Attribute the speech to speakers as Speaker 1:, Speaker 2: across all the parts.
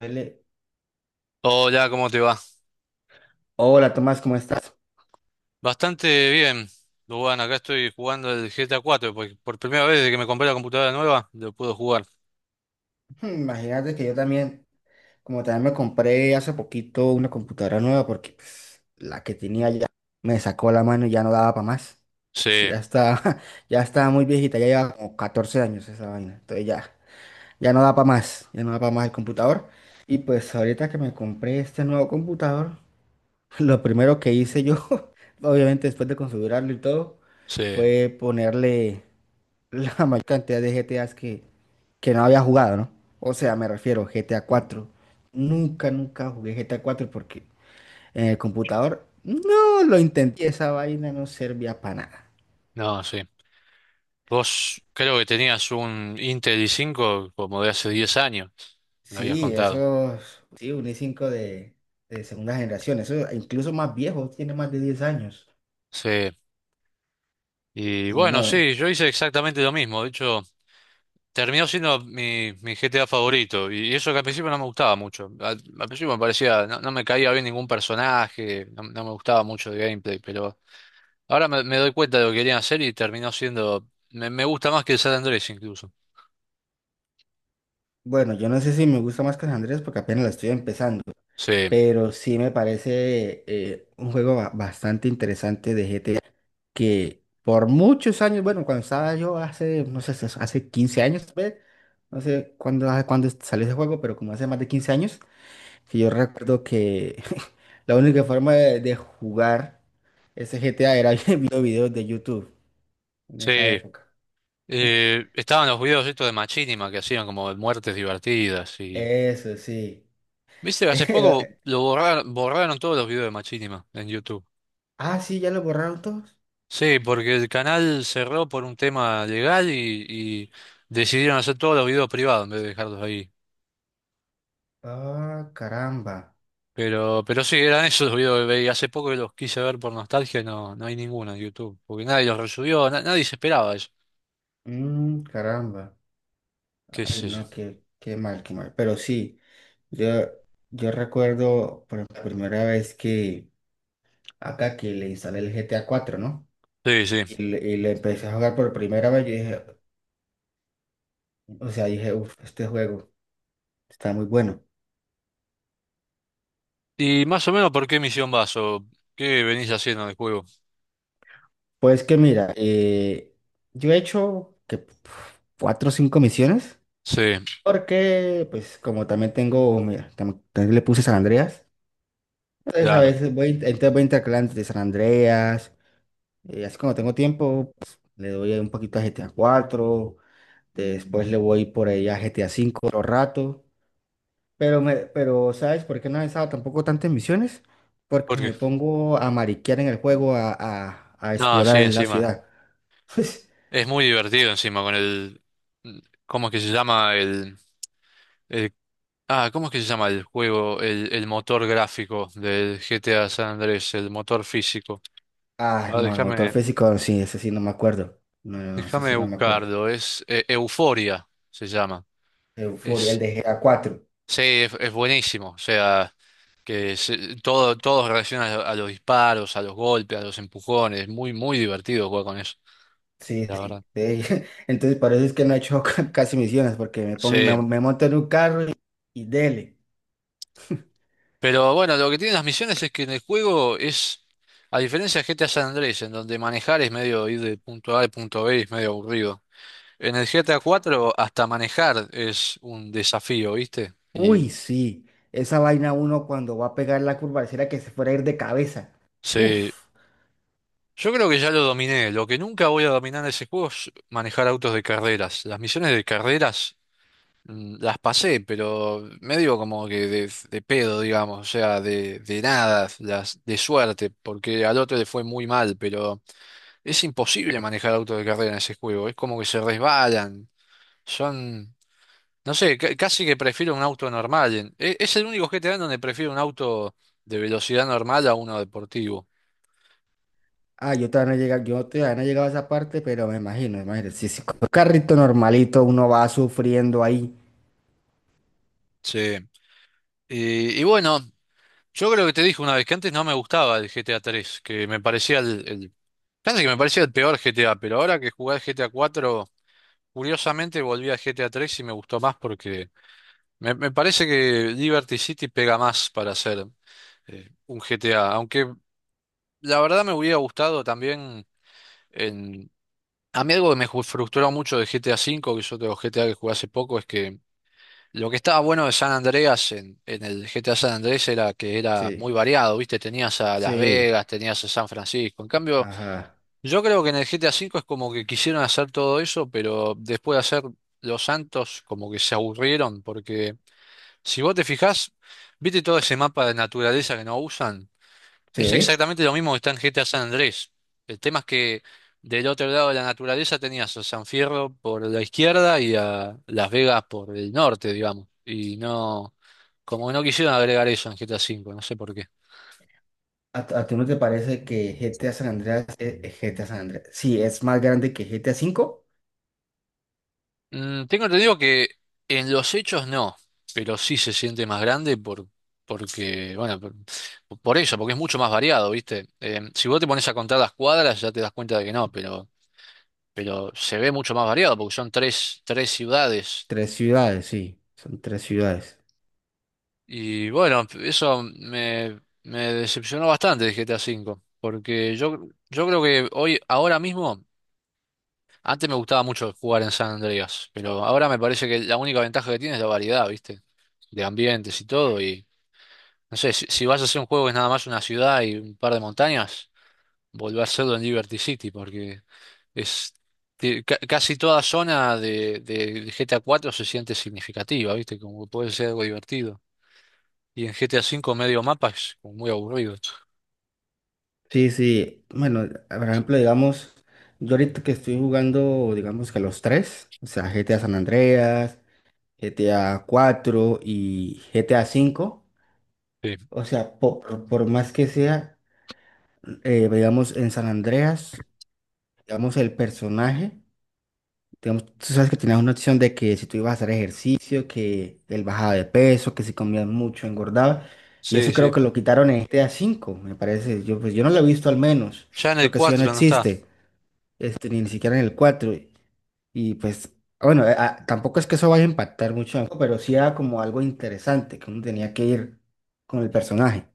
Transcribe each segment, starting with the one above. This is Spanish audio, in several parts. Speaker 1: Dele.
Speaker 2: Hola, ¿cómo te va?
Speaker 1: Hola Tomás, ¿cómo estás?
Speaker 2: Bastante bien. Luan, acá estoy jugando el GTA 4, porque por primera vez desde que me compré la computadora nueva, lo puedo jugar.
Speaker 1: Imagínate que yo también, como también me compré hace poquito una computadora nueva porque pues, la que tenía ya me sacó la mano y ya no daba para más.
Speaker 2: Sí,
Speaker 1: Ya está, ya estaba muy viejita, ya lleva como 14 años esa vaina. Entonces ya, ya no da para más, ya no da para más el computador. Y pues ahorita que me compré este nuevo computador, lo primero que hice yo, obviamente después de configurarlo y todo,
Speaker 2: sí,
Speaker 1: fue ponerle la mayor cantidad de GTAs que no había jugado, ¿no? O sea, me refiero GTA cuatro. Nunca, nunca jugué GTA 4 porque en el computador no lo intenté. Esa vaina no servía para nada.
Speaker 2: no, sí. Vos creo que tenías un Intel i5 como de hace 10 años, me lo habías
Speaker 1: Sí,
Speaker 2: contado.
Speaker 1: esos, sí, un i5 de, segunda generación, eso incluso más viejo, tiene más de 10 años.
Speaker 2: Sí, y
Speaker 1: Y
Speaker 2: bueno,
Speaker 1: no,
Speaker 2: sí, yo hice exactamente lo mismo. De hecho, terminó siendo mi GTA favorito, y eso que al principio no me gustaba mucho. Al principio me parecía, no, no me caía bien ningún personaje, no, no me gustaba mucho el gameplay, pero... Ahora me doy cuenta de lo que querían hacer y terminó siendo. Me gusta más que el San Andrés incluso.
Speaker 1: bueno, yo no sé si me gusta más que San Andrés porque apenas la estoy empezando,
Speaker 2: Sí,
Speaker 1: pero sí me parece un juego bastante interesante de GTA. Que por muchos años, bueno, cuando estaba yo hace, no sé, hace 15 años, tal vez, no sé cuándo, salió ese juego, pero como hace más de 15 años, que yo recuerdo que la única forma de jugar ese GTA era viendo videos de YouTube en esa
Speaker 2: sí.
Speaker 1: época.
Speaker 2: Estaban los videos estos de Machinima que hacían como de muertes divertidas y.
Speaker 1: Eso sí.
Speaker 2: Viste, hace poco
Speaker 1: Era-
Speaker 2: lo borraron, borraron todos los videos de Machinima en YouTube.
Speaker 1: Ah, sí, ya lo borraron todos.
Speaker 2: Sí, porque el canal cerró por un tema legal y decidieron hacer todos los videos privados en vez de dejarlos ahí.
Speaker 1: Ah, caramba.
Speaker 2: Pero sí, eran esos los videos que veía. Hace poco que los quise ver por nostalgia, y no, no hay ninguno en YouTube, porque nadie los resubió, nadie se esperaba eso.
Speaker 1: Mm, caramba.
Speaker 2: ¿Qué es
Speaker 1: Ay,
Speaker 2: eso?
Speaker 1: no, qué mal, qué mal. Pero sí. Yo, yo recuerdo por la primera vez que acá que le instalé el GTA cuatro, ¿no?
Speaker 2: Sí, sí.
Speaker 1: Y le empecé a jugar por primera vez, yo dije, o sea, dije, uff, este juego está muy bueno.
Speaker 2: ¿Y más o menos por qué misión vas o qué venís haciendo en el juego?
Speaker 1: Pues que mira, yo he hecho que cuatro o cinco misiones,
Speaker 2: Sí,
Speaker 1: porque pues como también tengo, mira, también le puse San Andreas, entonces a
Speaker 2: claro.
Speaker 1: veces voy, entonces voy intercalando de San Andreas, así como tengo tiempo, pues, le doy un poquito a GTA cuatro. Después le voy por ahí a GTA V otro rato. Pero ¿sabes por qué no he estado tampoco tantas misiones? Porque
Speaker 2: ¿Por
Speaker 1: me
Speaker 2: qué?
Speaker 1: pongo a mariquear en el juego, a
Speaker 2: No, sí,
Speaker 1: explorar en la
Speaker 2: encima.
Speaker 1: ciudad.
Speaker 2: Es muy divertido encima con el... mm, ¿Cómo es que se llama el... el- ah, ¿cómo es que se llama el juego? El motor gráfico del GTA San Andrés, el motor físico.
Speaker 1: Ah,
Speaker 2: Ah,
Speaker 1: no, el motor físico, sí, ese sí no me acuerdo. No, no, no, ese
Speaker 2: déjame
Speaker 1: sí no me acuerdo.
Speaker 2: buscarlo. Es Euforia, se llama.
Speaker 1: Euforia, el
Speaker 2: Es
Speaker 1: de GTA 4.
Speaker 2: Sí, es buenísimo. O sea, todo reacciona a los disparos, a los golpes, a los empujones. Muy, muy divertido jugar con eso,
Speaker 1: Sí,
Speaker 2: la
Speaker 1: sí,
Speaker 2: verdad.
Speaker 1: sí. Entonces, por eso es que no he hecho casi misiones, porque me pongo, me,
Speaker 2: Sí.
Speaker 1: me monto en un carro y dele.
Speaker 2: Pero bueno, lo que tienen las misiones es que en el juego es, a diferencia de GTA San Andrés, en donde manejar es medio ir de punto A al punto B, es medio aburrido. En el GTA 4 hasta manejar es un desafío, ¿viste?
Speaker 1: Uy,
Speaker 2: Y
Speaker 1: sí, esa vaina uno cuando va a pegar la curva, pareciera que se fuera a ir de cabeza.
Speaker 2: sí,
Speaker 1: Uf.
Speaker 2: yo creo que ya lo dominé. Lo que nunca voy a dominar en ese juego es manejar autos de carreras. Las misiones de carreras. Las pasé, pero medio como que de pedo, digamos, o sea, de nada, de suerte, porque al otro le fue muy mal, pero es imposible manejar autos de carrera en ese juego, es como que se resbalan, son, no sé, casi que prefiero un auto normal, es, el único GTA en donde prefiero un auto de velocidad normal a uno deportivo.
Speaker 1: Ah, yo todavía no he llegado, yo todavía no he llegado a esa parte, pero me imagino, me imagino. Si con un carrito normalito uno va sufriendo ahí.
Speaker 2: Sí. Y bueno. Yo creo que te dije una vez que antes no me gustaba el GTA 3, que me parecía casi que me parecía el peor GTA, pero ahora que jugué al GTA 4, curiosamente volví al GTA 3 y me gustó más porque me parece que Liberty City pega más para hacer un GTA, aunque la verdad me hubiera gustado también en... A mí algo que me frustró mucho de GTA 5, que yo tengo GTA que jugué hace poco, es que lo que estaba bueno de San Andreas en el GTA San Andrés era que era
Speaker 1: Sí,
Speaker 2: muy variado, ¿viste? Tenías a Las
Speaker 1: sí,
Speaker 2: Vegas, tenías a San Francisco. En cambio,
Speaker 1: ajá.
Speaker 2: yo creo que en el GTA V es como que quisieron hacer todo eso, pero después de hacer Los Santos, como que se aburrieron, porque si vos te fijás, ¿viste todo ese mapa de naturaleza que no usan? Es
Speaker 1: Sí.
Speaker 2: exactamente lo mismo que está en GTA San Andrés. El tema es que del otro lado de la naturaleza tenías a San Fierro por la izquierda y a Las Vegas por el norte, digamos. Y no. Como que no quisieron agregar eso en GTA V, no sé por qué.
Speaker 1: ¿A ti no te parece que GTA San Andreas es GTA San Andreas? Sí, es más grande que GTA cinco.
Speaker 2: Mm, tengo entendido que en los hechos no, pero sí se siente más grande por, porque, bueno, por eso, porque es mucho más variado, ¿viste? Si vos te pones a contar las cuadras ya te das cuenta de que no, pero se ve mucho más variado porque son tres ciudades.
Speaker 1: Tres ciudades, sí, son tres ciudades.
Speaker 2: Y bueno, eso me decepcionó bastante de GTA V, porque yo creo que hoy, ahora mismo... Antes me gustaba mucho jugar en San Andreas, pero ahora me parece que la única ventaja que tiene es la variedad, ¿viste? De ambientes y todo. Y no sé, si vas a hacer un juego que es nada más una ciudad y un par de montañas, volver a hacerlo en Liberty City, porque es casi toda zona de GTA 4 se siente significativa, ¿viste? Como que puede ser algo divertido. Y en GTA 5 medio mapa es como muy aburrido.
Speaker 1: Sí, sí. Bueno, por ejemplo, digamos, yo ahorita que estoy jugando, digamos que los tres, o sea, GTA San Andreas, GTA cuatro y GTA cinco,
Speaker 2: Sí,
Speaker 1: o sea, por más que sea, digamos, en San Andreas, digamos, el personaje, digamos, tú sabes que tenías una opción de que si tú ibas a hacer ejercicio, que él bajaba de peso, que si comías mucho, engordaba, y
Speaker 2: sí,
Speaker 1: eso creo
Speaker 2: sí.
Speaker 1: que lo quitaron en GTA cinco, me parece. Yo, pues, yo no lo he visto al menos,
Speaker 2: Ya en
Speaker 1: creo
Speaker 2: el
Speaker 1: que eso ya no
Speaker 2: 4 no está.
Speaker 1: existe. Ni siquiera en el cuatro. Y, pues, bueno, tampoco es que eso vaya a impactar mucho, ¿no? Pero sí era como algo interesante que uno tenía que ir con el personaje.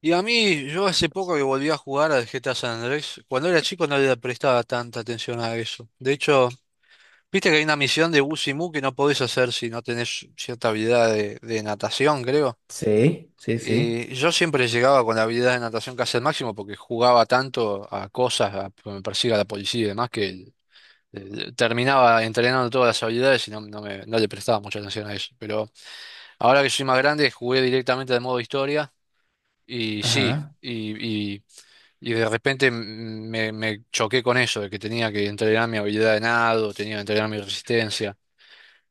Speaker 2: Y a mí, yo hace poco que volví a jugar al GTA San Andrés, cuando era chico no le prestaba tanta atención a eso. De hecho, viste que hay una misión de Bus y Busimu que no podés hacer si no tenés cierta habilidad de natación, creo.
Speaker 1: Sí, sí, sí.
Speaker 2: Y yo siempre llegaba con la habilidad de natación casi al máximo porque jugaba tanto a cosas, a que me persiga la policía y demás, que terminaba entrenando todas las habilidades y no, no le prestaba mucha atención a eso. Pero ahora que soy más grande, jugué directamente al modo historia y sí.
Speaker 1: Ajá.
Speaker 2: Y, y Y de repente me choqué con eso, de que tenía que entrenar mi habilidad de nado, tenía que entrenar mi resistencia.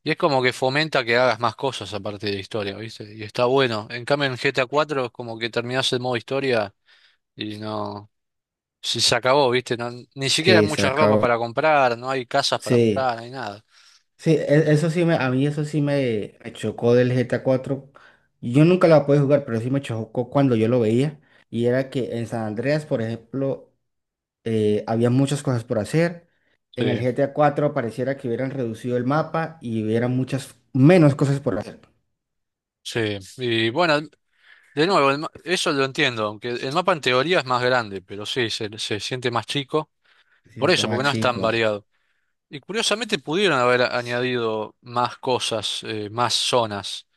Speaker 2: Y es como que fomenta que hagas más cosas aparte de la historia, ¿viste? Y está bueno. En cambio, en GTA 4 es como que terminás el modo historia y no... Se acabó, ¿viste? Ni siquiera hay
Speaker 1: Sí, se
Speaker 2: mucha ropa
Speaker 1: acabó.
Speaker 2: para comprar, no hay casas para
Speaker 1: Sí,
Speaker 2: comprar, no hay nada.
Speaker 1: sí, a mí eso sí me chocó del GTA cuatro. Yo nunca la pude jugar, pero sí me chocó cuando yo lo veía. Y era que en San Andreas, por ejemplo, había muchas cosas por hacer. En el
Speaker 2: Sí,
Speaker 1: GTA cuatro pareciera que hubieran reducido el mapa y hubiera muchas menos cosas por hacer.
Speaker 2: sí. Y bueno, de nuevo, eso lo entiendo, aunque el mapa en teoría es más grande, pero sí, se siente más chico.
Speaker 1: Sí,
Speaker 2: Por
Speaker 1: un
Speaker 2: eso,
Speaker 1: tema
Speaker 2: porque no es tan
Speaker 1: chico.
Speaker 2: variado. Y curiosamente pudieron haber añadido más cosas, más zonas,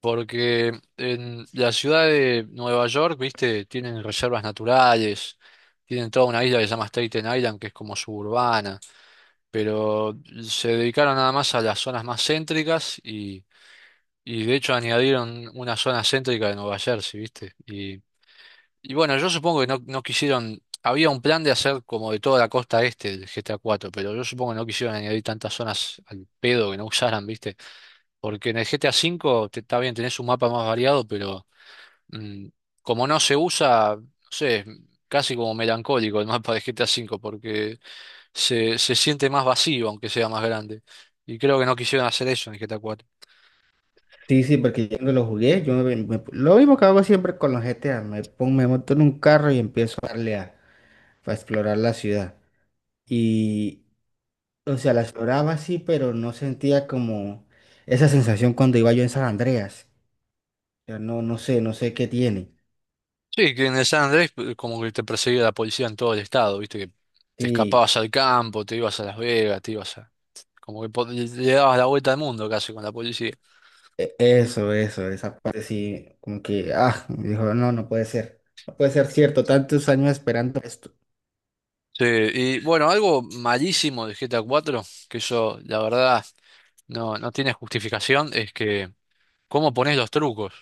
Speaker 2: porque en la ciudad de Nueva York, viste, tienen reservas naturales, tienen toda una isla que se llama Staten Island, que es como suburbana, pero se dedicaron nada más a las zonas más céntricas y de hecho añadieron una zona céntrica de Nueva Jersey, viste, y bueno, yo supongo que no, no quisieron, había un plan de hacer como de toda la costa este del GTA 4 pero yo supongo que no quisieron añadir tantas zonas al pedo que no usaran, ¿viste? Porque en el GTA 5 te, está bien, tenés un mapa más variado, pero mm, como no se usa, no sé, casi como melancólico el mapa de GTA 5 porque se siente más vacío, aunque sea más grande. Y creo que no quisieron hacer eso en el GTA 4.
Speaker 1: Sí, sí, porque yo no lo jugué, lo mismo que hago siempre con los GTA, me pongo, me monto en un carro y empiezo a darle a explorar la ciudad. Y, o sea, la exploraba sí, pero no sentía como esa sensación cuando iba yo en San Andreas. O sea, no, no sé, no sé qué tiene.
Speaker 2: Sí, que en el San Andrés como que te perseguía la policía en todo el estado, viste, que te
Speaker 1: Sí.
Speaker 2: escapabas al campo, te ibas a Las Vegas, te ibas a... Como que le dabas la vuelta al mundo casi con la policía.
Speaker 1: Esa parte sí, como que, me dijo, no, no puede ser, no puede ser cierto, tantos años esperando esto.
Speaker 2: Sí, y bueno, algo malísimo de GTA 4, que eso la verdad no, no tiene justificación, es que cómo pones los trucos.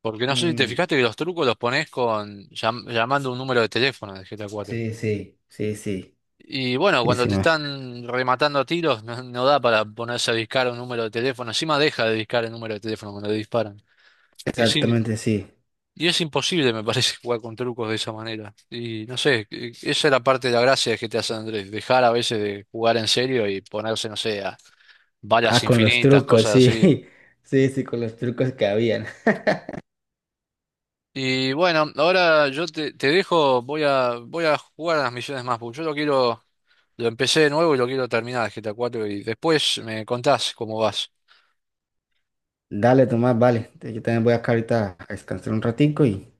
Speaker 2: Porque no sé si te
Speaker 1: Mm,
Speaker 2: fijaste que los trucos los pones con llamando un número de teléfono de GTA 4.
Speaker 1: sí, sí, sí, sí,
Speaker 2: Y bueno,
Speaker 1: sí,
Speaker 2: cuando
Speaker 1: sí,
Speaker 2: te están rematando a tiros, no, no da para ponerse a discar un número de teléfono. Encima deja de discar el número de teléfono cuando le disparan. Y es, i-
Speaker 1: exactamente, sí.
Speaker 2: y es imposible, me parece, jugar con trucos de esa manera. Y no sé, esa es la parte de la gracia que te hace Andrés. Dejar a veces de jugar en serio y ponerse, no sé, a balas
Speaker 1: Ah, con los
Speaker 2: infinitas,
Speaker 1: trucos,
Speaker 2: cosas
Speaker 1: sí,
Speaker 2: así.
Speaker 1: sí, sí, con los trucos que habían.
Speaker 2: Y bueno, ahora yo te dejo, voy a jugar a las misiones más. Porque yo lo quiero, lo empecé de nuevo y lo quiero terminar, el GTA 4 y después me contás cómo vas.
Speaker 1: Dale, Tomás, vale, yo también voy acá ahorita a descansar un ratico y,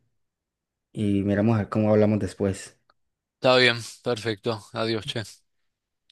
Speaker 1: y miramos a ver cómo hablamos después.
Speaker 2: Está bien, perfecto. Adiós, che.